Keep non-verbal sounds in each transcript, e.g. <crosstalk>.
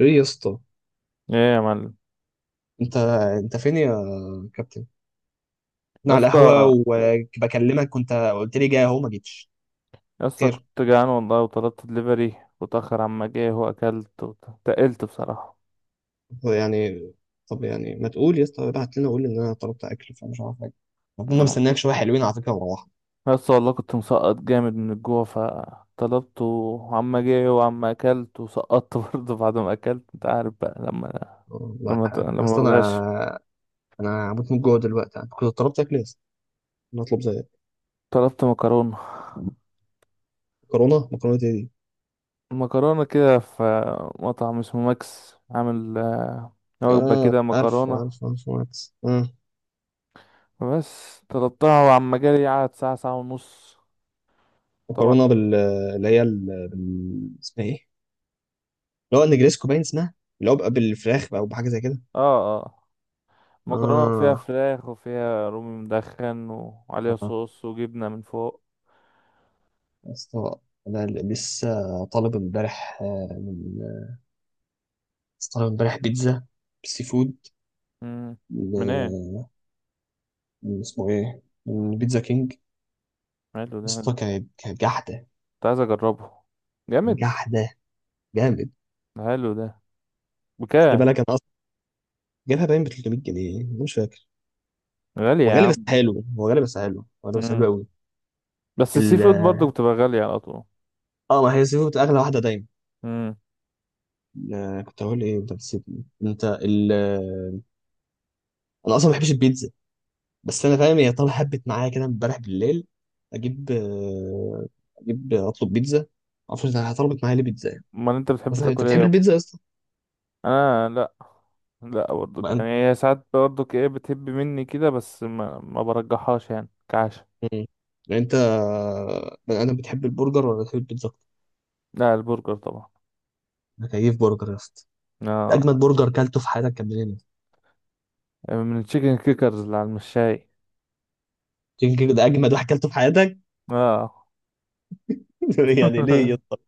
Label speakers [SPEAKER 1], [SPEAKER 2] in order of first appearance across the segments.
[SPEAKER 1] ايه يا اسطى.
[SPEAKER 2] ايه يا معلم.
[SPEAKER 1] انت انت فين يا كابتن؟
[SPEAKER 2] يا
[SPEAKER 1] انا على القهوه
[SPEAKER 2] اسطى،
[SPEAKER 1] وبكلمك، كنت قلت لي جاي اهو ما جيتش.
[SPEAKER 2] يا اسطى
[SPEAKER 1] خير،
[SPEAKER 2] كنت جعان والله، وطلبت دليفري وتأخر عما جه، واكلت وتقلت بصراحة.
[SPEAKER 1] هو يعني طب يعني ما تقول يا اسطى، ابعت لنا قول ان انا طلبت اكل فمش عارف حاجه. ربنا مستنيك شويه حلوين على فكره وروحنا.
[SPEAKER 2] يا اسطى والله كنت مسقط جامد من الجوع، فطلبته وعما جه وعما اكلت وسقطت <laughs> برضه. بعد ما اكلت انت عارف بقى لما
[SPEAKER 1] والله
[SPEAKER 2] لما
[SPEAKER 1] اصل
[SPEAKER 2] بتغش.
[SPEAKER 1] انا هموت من الجوع دلوقتي، انا كنت طلبت اكل يا اسطى. انا اطلب زي
[SPEAKER 2] طلبت مكرونة.
[SPEAKER 1] مكرونه ايه دي؟
[SPEAKER 2] المكرونة كده في مطعم اسمه ماكس، عامل وجبة
[SPEAKER 1] اه،
[SPEAKER 2] كده
[SPEAKER 1] عارف
[SPEAKER 2] مكرونة.
[SPEAKER 1] عارف عارف عارف. اه
[SPEAKER 2] بس طلبتها وعما جالي قعد ساعة، ساعة ونص. طبعا.
[SPEAKER 1] مكرونه بال، اللي هي اسمها ايه، اللي هو النجريسكو باين اسمها، اللي هو بقى بالفراخ بقى وبحاجه زي كده.
[SPEAKER 2] اه، اه، مكرونة فيها
[SPEAKER 1] آه.
[SPEAKER 2] فراخ وفيها رومي مدخن وعليها
[SPEAKER 1] آه.
[SPEAKER 2] صوص وجبنة من فوق.
[SPEAKER 1] يا اسطى انا لسه طالب امبارح من، لسه طالب امبارح بيتزا سي فود.
[SPEAKER 2] مم. منين؟
[SPEAKER 1] من من اسمه ايه، من بيتزا كينج يا
[SPEAKER 2] حلو ده، حلو.
[SPEAKER 1] اسطى.
[SPEAKER 2] كنت
[SPEAKER 1] كانت جحده،
[SPEAKER 2] عايز اجربه. جامد.
[SPEAKER 1] جحده جامد.
[SPEAKER 2] حلو ده.
[SPEAKER 1] خلي
[SPEAKER 2] بكام؟
[SPEAKER 1] بالك انا اصلا جايبها باين ب 300 جنيه أنا مش فاكر.
[SPEAKER 2] غالي
[SPEAKER 1] هو
[SPEAKER 2] يا
[SPEAKER 1] غالي بس
[SPEAKER 2] عم.
[SPEAKER 1] حلو، هو غالي بس حلو، هو غالي بس حلو
[SPEAKER 2] مم.
[SPEAKER 1] قوي.
[SPEAKER 2] بس السي
[SPEAKER 1] ال...
[SPEAKER 2] فود برضه بتبقى غالية على طول.
[SPEAKER 1] اه ما هي السي فود اغلى واحده دايما.
[SPEAKER 2] مم.
[SPEAKER 1] كنت هقول ايه، انت نسيتني انت ال... آه، انا اصلا ما بحبش البيتزا، بس انا فاهم هي طالعه حبت معايا كده امبارح بالليل. اجيب اجيب اطلب بيتزا، ما اعرفش انت طلبت معايا ليه بيتزا.
[SPEAKER 2] امال انت بتحب
[SPEAKER 1] مثلا انت
[SPEAKER 2] تاكل ايه
[SPEAKER 1] بتحب
[SPEAKER 2] يابا؟
[SPEAKER 1] البيتزا يا اسطى؟
[SPEAKER 2] انا لا. لا، برضه
[SPEAKER 1] بقى انت
[SPEAKER 2] يعني هي ساعات برضه ايه بتهب مني كده، بس ما برجحهاش يعني كعشا.
[SPEAKER 1] مم. يعني انت بقى انا بتحب البرجر ولا بتحب البيتزا اكتر؟
[SPEAKER 2] لا، البرجر طبعا.
[SPEAKER 1] انا كيف برجر يا اسطى.
[SPEAKER 2] اه.
[SPEAKER 1] اجمد برجر كلته في حياتك كان منين يا اسطى؟
[SPEAKER 2] من التشيكن كيكرز اللي على المشاي.
[SPEAKER 1] تيجي كده ده اجمد واحد كلته في حياتك؟
[SPEAKER 2] اه.
[SPEAKER 1] <laughs> يعني ليه يا
[SPEAKER 2] <laughs>
[SPEAKER 1] اسطى؟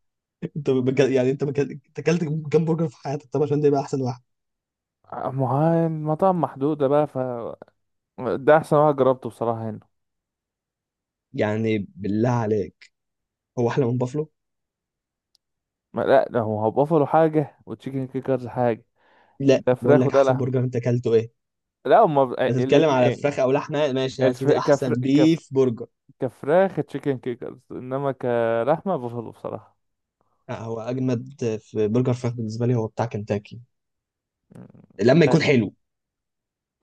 [SPEAKER 1] انت بك... يعني انت بك... انت كلت كام برجر في حياتك طب عشان ده يبقى احسن واحد؟
[SPEAKER 2] ما هو المطاعم محدودة بقى، ف ده أحسن واحد جربته بصراحة هنا.
[SPEAKER 1] يعني بالله عليك هو احلى من بافلو؟
[SPEAKER 2] ما لا، ده هو بافلو حاجة وتشيكن كيكرز حاجة.
[SPEAKER 1] لا
[SPEAKER 2] ده
[SPEAKER 1] بقول
[SPEAKER 2] فراخ
[SPEAKER 1] لك
[SPEAKER 2] وده
[SPEAKER 1] احسن
[SPEAKER 2] لحم.
[SPEAKER 1] برجر انت كلته ايه؟
[SPEAKER 2] لا، هما
[SPEAKER 1] هتتكلم على
[SPEAKER 2] الاتنين.
[SPEAKER 1] فراخ او لحمه؟ ماشي يا
[SPEAKER 2] الف...
[SPEAKER 1] سيدي، احسن
[SPEAKER 2] كفر... كف...
[SPEAKER 1] بيف برجر.
[SPEAKER 2] كفراخ تشيكن كيكرز، إنما كلحمة بافلو بصراحة.
[SPEAKER 1] لا هو اجمد في برجر فراخ بالنسبه لي هو بتاع كنتاكي لما يكون حلو.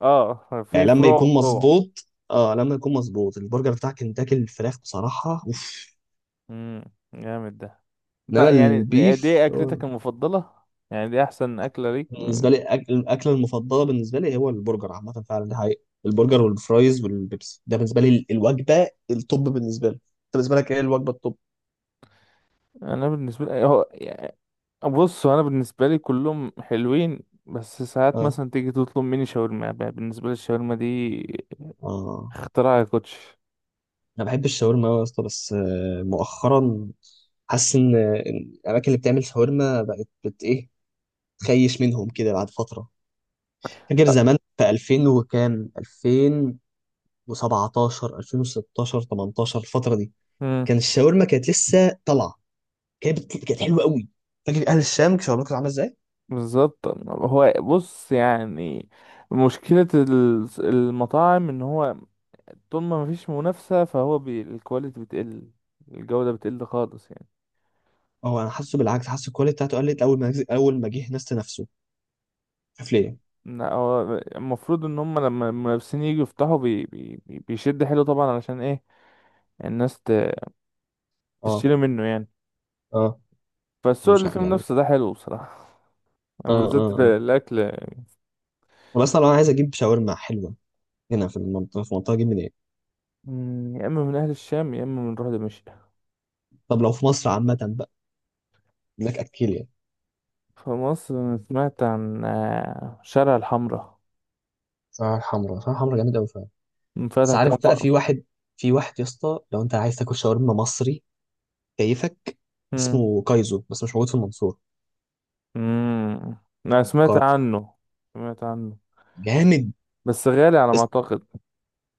[SPEAKER 2] اه.
[SPEAKER 1] يعني
[SPEAKER 2] في
[SPEAKER 1] لما
[SPEAKER 2] فروع،
[SPEAKER 1] يكون
[SPEAKER 2] فروع.
[SPEAKER 1] مظبوط، اه لما يكون مظبوط البرجر بتاع كنتاكي الفراخ بصراحه اوف.
[SPEAKER 2] امم، جامد ده. انت
[SPEAKER 1] انما
[SPEAKER 2] يعني
[SPEAKER 1] البيف
[SPEAKER 2] دي
[SPEAKER 1] هو
[SPEAKER 2] أكلتك المفضلة؟ يعني دي أحسن أكلة ليك؟
[SPEAKER 1] بالنسبه لي الاكله المفضله بالنسبه لي هو البرجر عامه، فعلا دي حقيقه. البرجر والفرايز والبيبسي ده بالنسبه لي الوجبه التوب بالنسبه لي. انت بالنسبه لك ايه الوجبه التوب؟
[SPEAKER 2] أنا بالنسبة لي هو بص، انا بالنسبه لي كلهم حلوين. بس ساعات
[SPEAKER 1] اه،
[SPEAKER 2] مثلا تيجي تطلب مني شاورما، بقى بالنسبه لي الشاورما دي
[SPEAKER 1] اه،
[SPEAKER 2] اختراع يا كوتش.
[SPEAKER 1] انا بحب الشاورما أوي يا اسطى، بس مؤخرا حاسس ان إن الاماكن اللي بتعمل شاورما بقت بت ايه، تخيش منهم كده بعد فتره. فاكر
[SPEAKER 2] لا.
[SPEAKER 1] زمان في 2000 وكام، 2017 2016 18 الفتره دي
[SPEAKER 2] امم.
[SPEAKER 1] كان الشاورما كانت لسه طالعه، كانت حلوه قوي. فاكر اهل الشام شاورما كانت عامله ازاي؟
[SPEAKER 2] بالظبط، هو بص يعني مشكله المطاعم ان هو طول ما مفيش منافسه، فهو بي الكواليتي بتقل، الجوده بتقل خالص يعني.
[SPEAKER 1] اه انا حاسه بالعكس، حاسس الكواليتي بتاعته قلت اول ما جه ناس نفسه، مش عارف ليه.
[SPEAKER 2] لا، هو المفروض ان هم لما المنافسين يجوا يفتحوا بيشد حلو طبعا، علشان ايه الناس
[SPEAKER 1] اه،
[SPEAKER 2] تشتري منه يعني.
[SPEAKER 1] اه،
[SPEAKER 2] فالسوق
[SPEAKER 1] مش
[SPEAKER 2] اللي
[SPEAKER 1] ع-
[SPEAKER 2] فيه
[SPEAKER 1] يعني
[SPEAKER 2] منافسه ده حلو بصراحه.
[SPEAKER 1] اه اه
[SPEAKER 2] بالذات
[SPEAKER 1] اه.
[SPEAKER 2] الأكل.
[SPEAKER 1] والله اصلا انا عايز اجيب شاورما حلوه هنا في المنطقه، في منطقه جيب منين؟
[SPEAKER 2] مم، يا إما من أهل الشام يا إما من روح دمشق.
[SPEAKER 1] طب لو في مصر عامه بقى يقول لك اكيليا،
[SPEAKER 2] في مصر أنا سمعت عن شارع الحمراء.
[SPEAKER 1] شعرها الحمراء. شعرها الحمراء جامد قوي فعلا. بس
[SPEAKER 2] انفتح
[SPEAKER 1] عارف
[SPEAKER 2] كام ف...
[SPEAKER 1] بقى في واحد، في واحد يا اسطى لو انت عايز تاكل شاورما مصري كيفك،
[SPEAKER 2] مم.
[SPEAKER 1] اسمه كايزو بس مش موجود في المنصوره.
[SPEAKER 2] مم. أنا سمعت
[SPEAKER 1] قار-
[SPEAKER 2] عنه، سمعت عنه.
[SPEAKER 1] جامد
[SPEAKER 2] بس غالي على
[SPEAKER 1] يا
[SPEAKER 2] ما
[SPEAKER 1] اسطى،
[SPEAKER 2] أعتقد.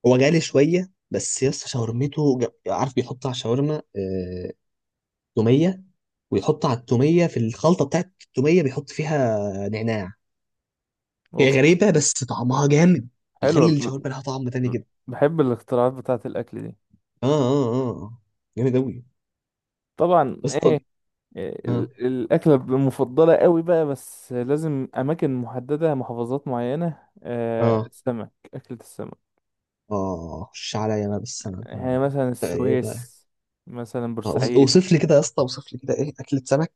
[SPEAKER 1] هو غالي شويه بس يا اسطى. شاورمته عارف بيحط على الشاورما توميه، ويحط على التوميه في الخلطه بتاعت التوميه بيحط فيها نعناع. هي
[SPEAKER 2] أوف.
[SPEAKER 1] غريبه بس طعمها جامد،
[SPEAKER 2] حلو
[SPEAKER 1] بيخلي الشاورما لها طعم تاني كده.
[SPEAKER 2] بحب الاختراعات بتاعة الأكل دي.
[SPEAKER 1] اه اه اه آه. جامد قوي
[SPEAKER 2] طبعا
[SPEAKER 1] اسطى.
[SPEAKER 2] إيه.
[SPEAKER 1] اه
[SPEAKER 2] الأكلة المفضلة قوي بقى، بس لازم أماكن محددة، محافظات معينة،
[SPEAKER 1] اه
[SPEAKER 2] السمك، أكلة السمك.
[SPEAKER 1] اه، خش عليا بقى بالسمك بقى.
[SPEAKER 2] يعني مثلا
[SPEAKER 1] بقى ايه بقى؟
[SPEAKER 2] السويس، مثلا بورسعيد.
[SPEAKER 1] اوصف لي كده يا اسطى، اوصف لي كده ايه اكلة سمك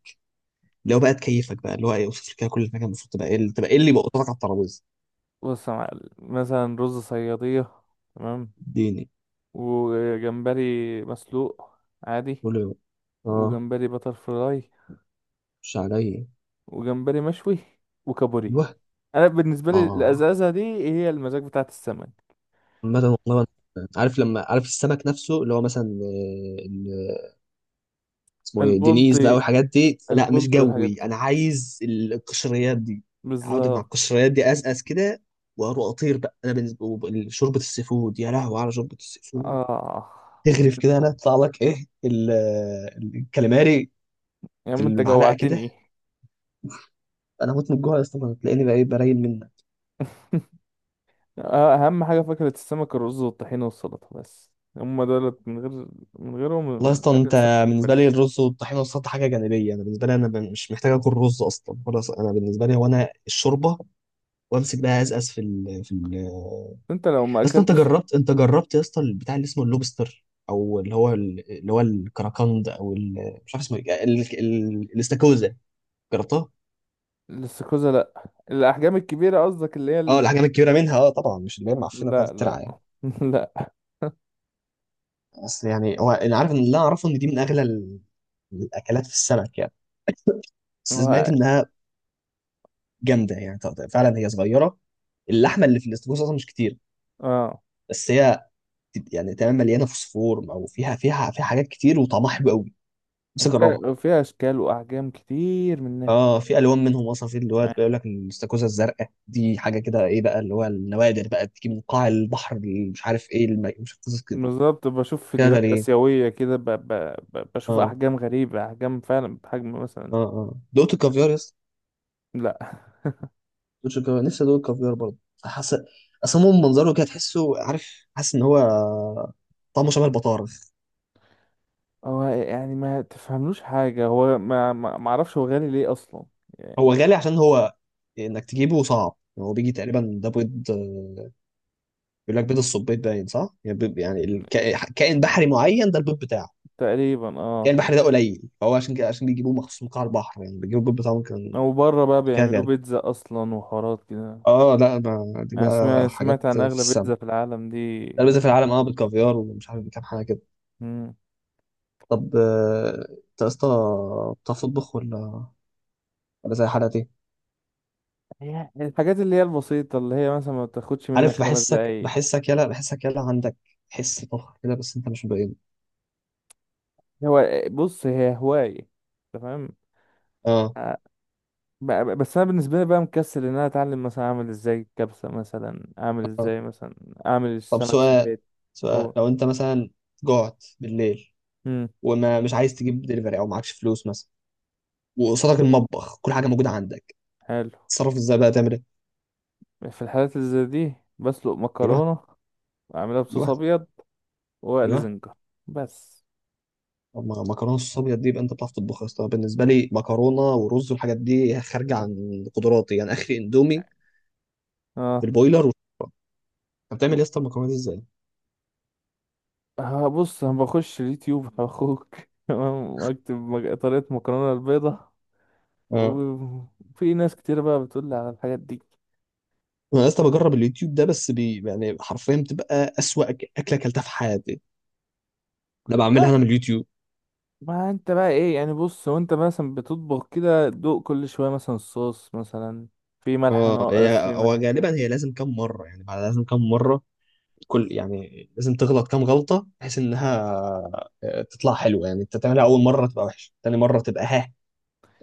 [SPEAKER 1] اللي هو بقى تكيفك بقى، اللي هو ايه، اوصف لي كده كل حاجه المفروض تبقى ايه، اللي تبقى ايه اللي يبقى قدامك على الترابيزه.
[SPEAKER 2] بص يا معلم، مثلا رز صيادية. تمام.
[SPEAKER 1] اديني،
[SPEAKER 2] وجمبري مسلوق عادي.
[SPEAKER 1] قول لي بقى. اه،
[SPEAKER 2] وجمبري بتر فراي.
[SPEAKER 1] خش عليا.
[SPEAKER 2] وجمبري مشوي. وكابوري.
[SPEAKER 1] ايوه.
[SPEAKER 2] انا بالنسبة لي
[SPEAKER 1] اه.
[SPEAKER 2] الازازة دي هي المزاج بتاعت السمك.
[SPEAKER 1] عامة والله عارف لما، عارف السمك نفسه اللي هو مثلا اسمه ايه دينيز بقى
[SPEAKER 2] البلطي،
[SPEAKER 1] والحاجات دي لا مش
[SPEAKER 2] البلطي والحاجات
[SPEAKER 1] جوي،
[SPEAKER 2] دي.
[SPEAKER 1] انا عايز القشريات دي. اقعد مع
[SPEAKER 2] بالظبط،
[SPEAKER 1] القشريات دي ازقز كده واروح اطير بقى. انا بالنسبه شوربه السي فود، يا لهوي على شوربه السي فود.
[SPEAKER 2] اه.
[SPEAKER 1] تغرف كده انا يطلع لك ايه الكاليماري
[SPEAKER 2] يا
[SPEAKER 1] في
[SPEAKER 2] عم انت
[SPEAKER 1] المعلقه كده.
[SPEAKER 2] جوعتني.
[SPEAKER 1] انا هموت من الجوع يا اسطى، تلاقيني بقى ايه برايل منك.
[SPEAKER 2] <laughs> اهم حاجه فاكهه السمك: الرز والطحينه والسلطه، بس. هم دولت، من غير من
[SPEAKER 1] والله
[SPEAKER 2] غيرهم
[SPEAKER 1] اصلا
[SPEAKER 2] اكلة
[SPEAKER 1] انت
[SPEAKER 2] السمك ما
[SPEAKER 1] بالنسبه
[SPEAKER 2] تكملش.
[SPEAKER 1] لي الرز والطحينه والسلطه حاجه جانبيه، انا بالنسبه لي انا مش محتاج اكل رز اصلا خلاص، انا بالنسبه لي هو انا الشوربه وامسك بقى ازقز في ال. يا
[SPEAKER 2] انت لو ما
[SPEAKER 1] اسطى، انت
[SPEAKER 2] اكلتش
[SPEAKER 1] جربت انت جربت يا اسطى البتاع اللي اسمه اللوبستر او اللي هو اللي هو الكراكند او مش عارف اسمه ايه الاستاكوزا، جربتها؟
[SPEAKER 2] الاستاكوزا. لا، الاحجام الكبيره قصدك، اللي هي
[SPEAKER 1] اه
[SPEAKER 2] اللي...
[SPEAKER 1] الحاجات الكبيره منها، اه طبعا مش اللي هي المعفنه بتاعت
[SPEAKER 2] لا، لا.
[SPEAKER 1] الترعه يعني.
[SPEAKER 2] <laughs> لا.
[SPEAKER 1] بس يعني هو انا عارف ان، اللي أنا اعرفه ان دي من اغلى الاكلات في السمك يعني. <laughs> بس سمعت
[SPEAKER 2] هو-
[SPEAKER 1] انها جامده يعني. فعلا هي صغيره، اللحمه اللي في الاستاكوزا اصلا مش كتير،
[SPEAKER 2] اه،
[SPEAKER 1] بس هي يعني تمام مليانه فوسفور او فيها فيها حاجات كتير وطعمها حلو قوي، بس اجربها.
[SPEAKER 2] فيها اشكال واحجام كتير منها.
[SPEAKER 1] اه في الوان منهم اصلا، في اللي هو بيقول لك الاستاكوزا الزرقاء دي حاجه كده ايه بقى، اللي هو النوادر بقى بتيجي من قاع البحر اللي مش عارف ايه مش عارف قصص كده،
[SPEAKER 2] بالظبط، بشوف
[SPEAKER 1] كده
[SPEAKER 2] فيديوهات
[SPEAKER 1] غريب.
[SPEAKER 2] اسيويه كده، بشوف
[SPEAKER 1] اه
[SPEAKER 2] احجام غريبه، احجام فعلا بحجم مثلا.
[SPEAKER 1] اه اه دوت الكافيار يا اسطى.
[SPEAKER 2] لا. <laughs>
[SPEAKER 1] دوت الكافيار، نفسي ادوق الكافيار برضه. حاسس اصلا هو من منظره كده تحسه، عارف حاسس ان هو طعمه شبه البطارخ.
[SPEAKER 2] هو يعني ما تفهملوش حاجة. هو ما اعرفش هو غالي ليه اصلا.
[SPEAKER 1] هو
[SPEAKER 2] يعني
[SPEAKER 1] غالي عشان هو، انك تجيبه صعب. هو بيجي تقريبا ده بيض، بيقول لك بيض الصبيط باين، صح؟ يعني بيض، يعني كائن بحري معين ده البيض بتاعه
[SPEAKER 2] تقريبا
[SPEAKER 1] يعني.
[SPEAKER 2] اه.
[SPEAKER 1] البحر ده قليل هو عشان كده، عشان بيجيبوه مخصوص من قاع البحر يعني، بيجيبوا الجلد بتاعهم كان
[SPEAKER 2] او بره بقى
[SPEAKER 1] كده
[SPEAKER 2] بيعملوا
[SPEAKER 1] غالي.
[SPEAKER 2] بيتزا اصلا وحوارات كده.
[SPEAKER 1] اه لا دي
[SPEAKER 2] انا
[SPEAKER 1] بقى
[SPEAKER 2] سمعت
[SPEAKER 1] حاجات
[SPEAKER 2] سمعت عن
[SPEAKER 1] في
[SPEAKER 2] اغلى
[SPEAKER 1] السماء.
[SPEAKER 2] بيتزا في العالم دي.
[SPEAKER 1] ده البيزا في العالم، اه بالكافيار ومش عارف كام حاجه كده.
[SPEAKER 2] مم.
[SPEAKER 1] طب انت يا اسطى بتعرف تطبخ ولا، ولا زي حالتي؟
[SPEAKER 2] هي الحاجات اللي هي البسيطة، اللي هي مثلا ما بتاخدش منك
[SPEAKER 1] عارف
[SPEAKER 2] خمس
[SPEAKER 1] بحسك،
[SPEAKER 2] دقايق
[SPEAKER 1] بحسك يلا، بحسك يلا عندك حس طبخ كده بس انت مش مبين.
[SPEAKER 2] هو بص هي هواية. تمام.
[SPEAKER 1] اه،
[SPEAKER 2] آه، بس انا بالنسبة لي بقى مكسل ان انا اتعلم، مثلا اعمل ازاي الكبسة، مثلا اعمل
[SPEAKER 1] اه.
[SPEAKER 2] ازاي، مثلا اعمل
[SPEAKER 1] طب
[SPEAKER 2] السمك في
[SPEAKER 1] سؤال،
[SPEAKER 2] البيت
[SPEAKER 1] سؤال
[SPEAKER 2] و...
[SPEAKER 1] لو انت مثلا جوعت بالليل
[SPEAKER 2] مم.
[SPEAKER 1] وما مش عايز تجيب دليفري او معكش فلوس مثلا، وقصادك المطبخ كل حاجه موجوده عندك،
[SPEAKER 2] حلو.
[SPEAKER 1] تصرف ازاي بقى تعمل ايه؟
[SPEAKER 2] في الحالات اللي زي دي بسلق
[SPEAKER 1] ايوه.
[SPEAKER 2] مكرونة، وأعملها بصوص
[SPEAKER 1] ايوه.
[SPEAKER 2] أبيض، وأقلي
[SPEAKER 1] ايوه.
[SPEAKER 2] زنجر. بس.
[SPEAKER 1] طب ما مكرونه الصوص ابيض دي يبقى انت بتعرف تطبخها يا اسطى؟ بالنسبه لي مكرونه ورز والحاجات دي خارجه عن قدراتي يعني، اخري اندومي في
[SPEAKER 2] اه.
[SPEAKER 1] البويلر وشكرا. انت بتعمل يا اسطى المكرونه دي ازاي؟
[SPEAKER 2] هبص أنا بخش اليوتيوب <laughs> هخوك. تمام، أكتب طريقة مكرونة البيضة.
[SPEAKER 1] اه،
[SPEAKER 2] وفي ناس كتير بقى بتقول لي على الحاجات دي.
[SPEAKER 1] انا يا اسطى بجرب اليوتيوب ده بس بي يعني، حرفيا بتبقى اسوأ اكله اكلتها في حياتي ده،
[SPEAKER 2] لا.
[SPEAKER 1] بعملها انا من اليوتيوب.
[SPEAKER 2] ما انت بقى ايه يعني؟ بص، وانت مثلا بتطبخ كده دوق كل شوية، مثلا الصوص، مثلا في ملح
[SPEAKER 1] اه
[SPEAKER 2] ناقص،
[SPEAKER 1] هي
[SPEAKER 2] في
[SPEAKER 1] هو
[SPEAKER 2] ملح زيادة.
[SPEAKER 1] غالبا هي لازم كم مره، يعني بعد لازم كم مره كل يعني لازم تغلط كم غلطه بحيث انها تطلع حلوه يعني. انت تعملها اول مره تبقى وحشه، تاني مره تبقى ها،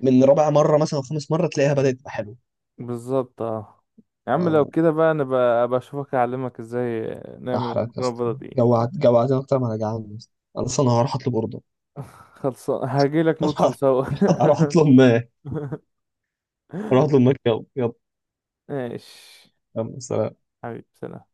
[SPEAKER 1] من رابع مرة مثلا أو خامس مرة تلاقيها بدأت تبقى حلوة.
[SPEAKER 2] بالظبط، اه. يا عم لو
[SPEAKER 1] آه،
[SPEAKER 2] كده بقى، انا بقى بشوفك اعلمك ازاي نعمل
[SPEAKER 1] أحرق يا
[SPEAKER 2] المكرونة
[SPEAKER 1] اسطى،
[SPEAKER 2] البيضة دي.
[SPEAKER 1] جوعت، جوعتني أكتر ما أنا جعان يا اسطى. أنا أصلا هروح أطلب أوردر.
[SPEAKER 2] <laughs> خلصان، هاجيلك نطلب
[SPEAKER 1] <laughs>
[SPEAKER 2] سوا.
[SPEAKER 1] هروح
[SPEAKER 2] <laughs>
[SPEAKER 1] أطلب ما هروح أطلب ماك. يلا يلا.
[SPEAKER 2] ماشي.
[SPEAKER 1] يلا، سلام.
[SPEAKER 2] حبيبي، سلام.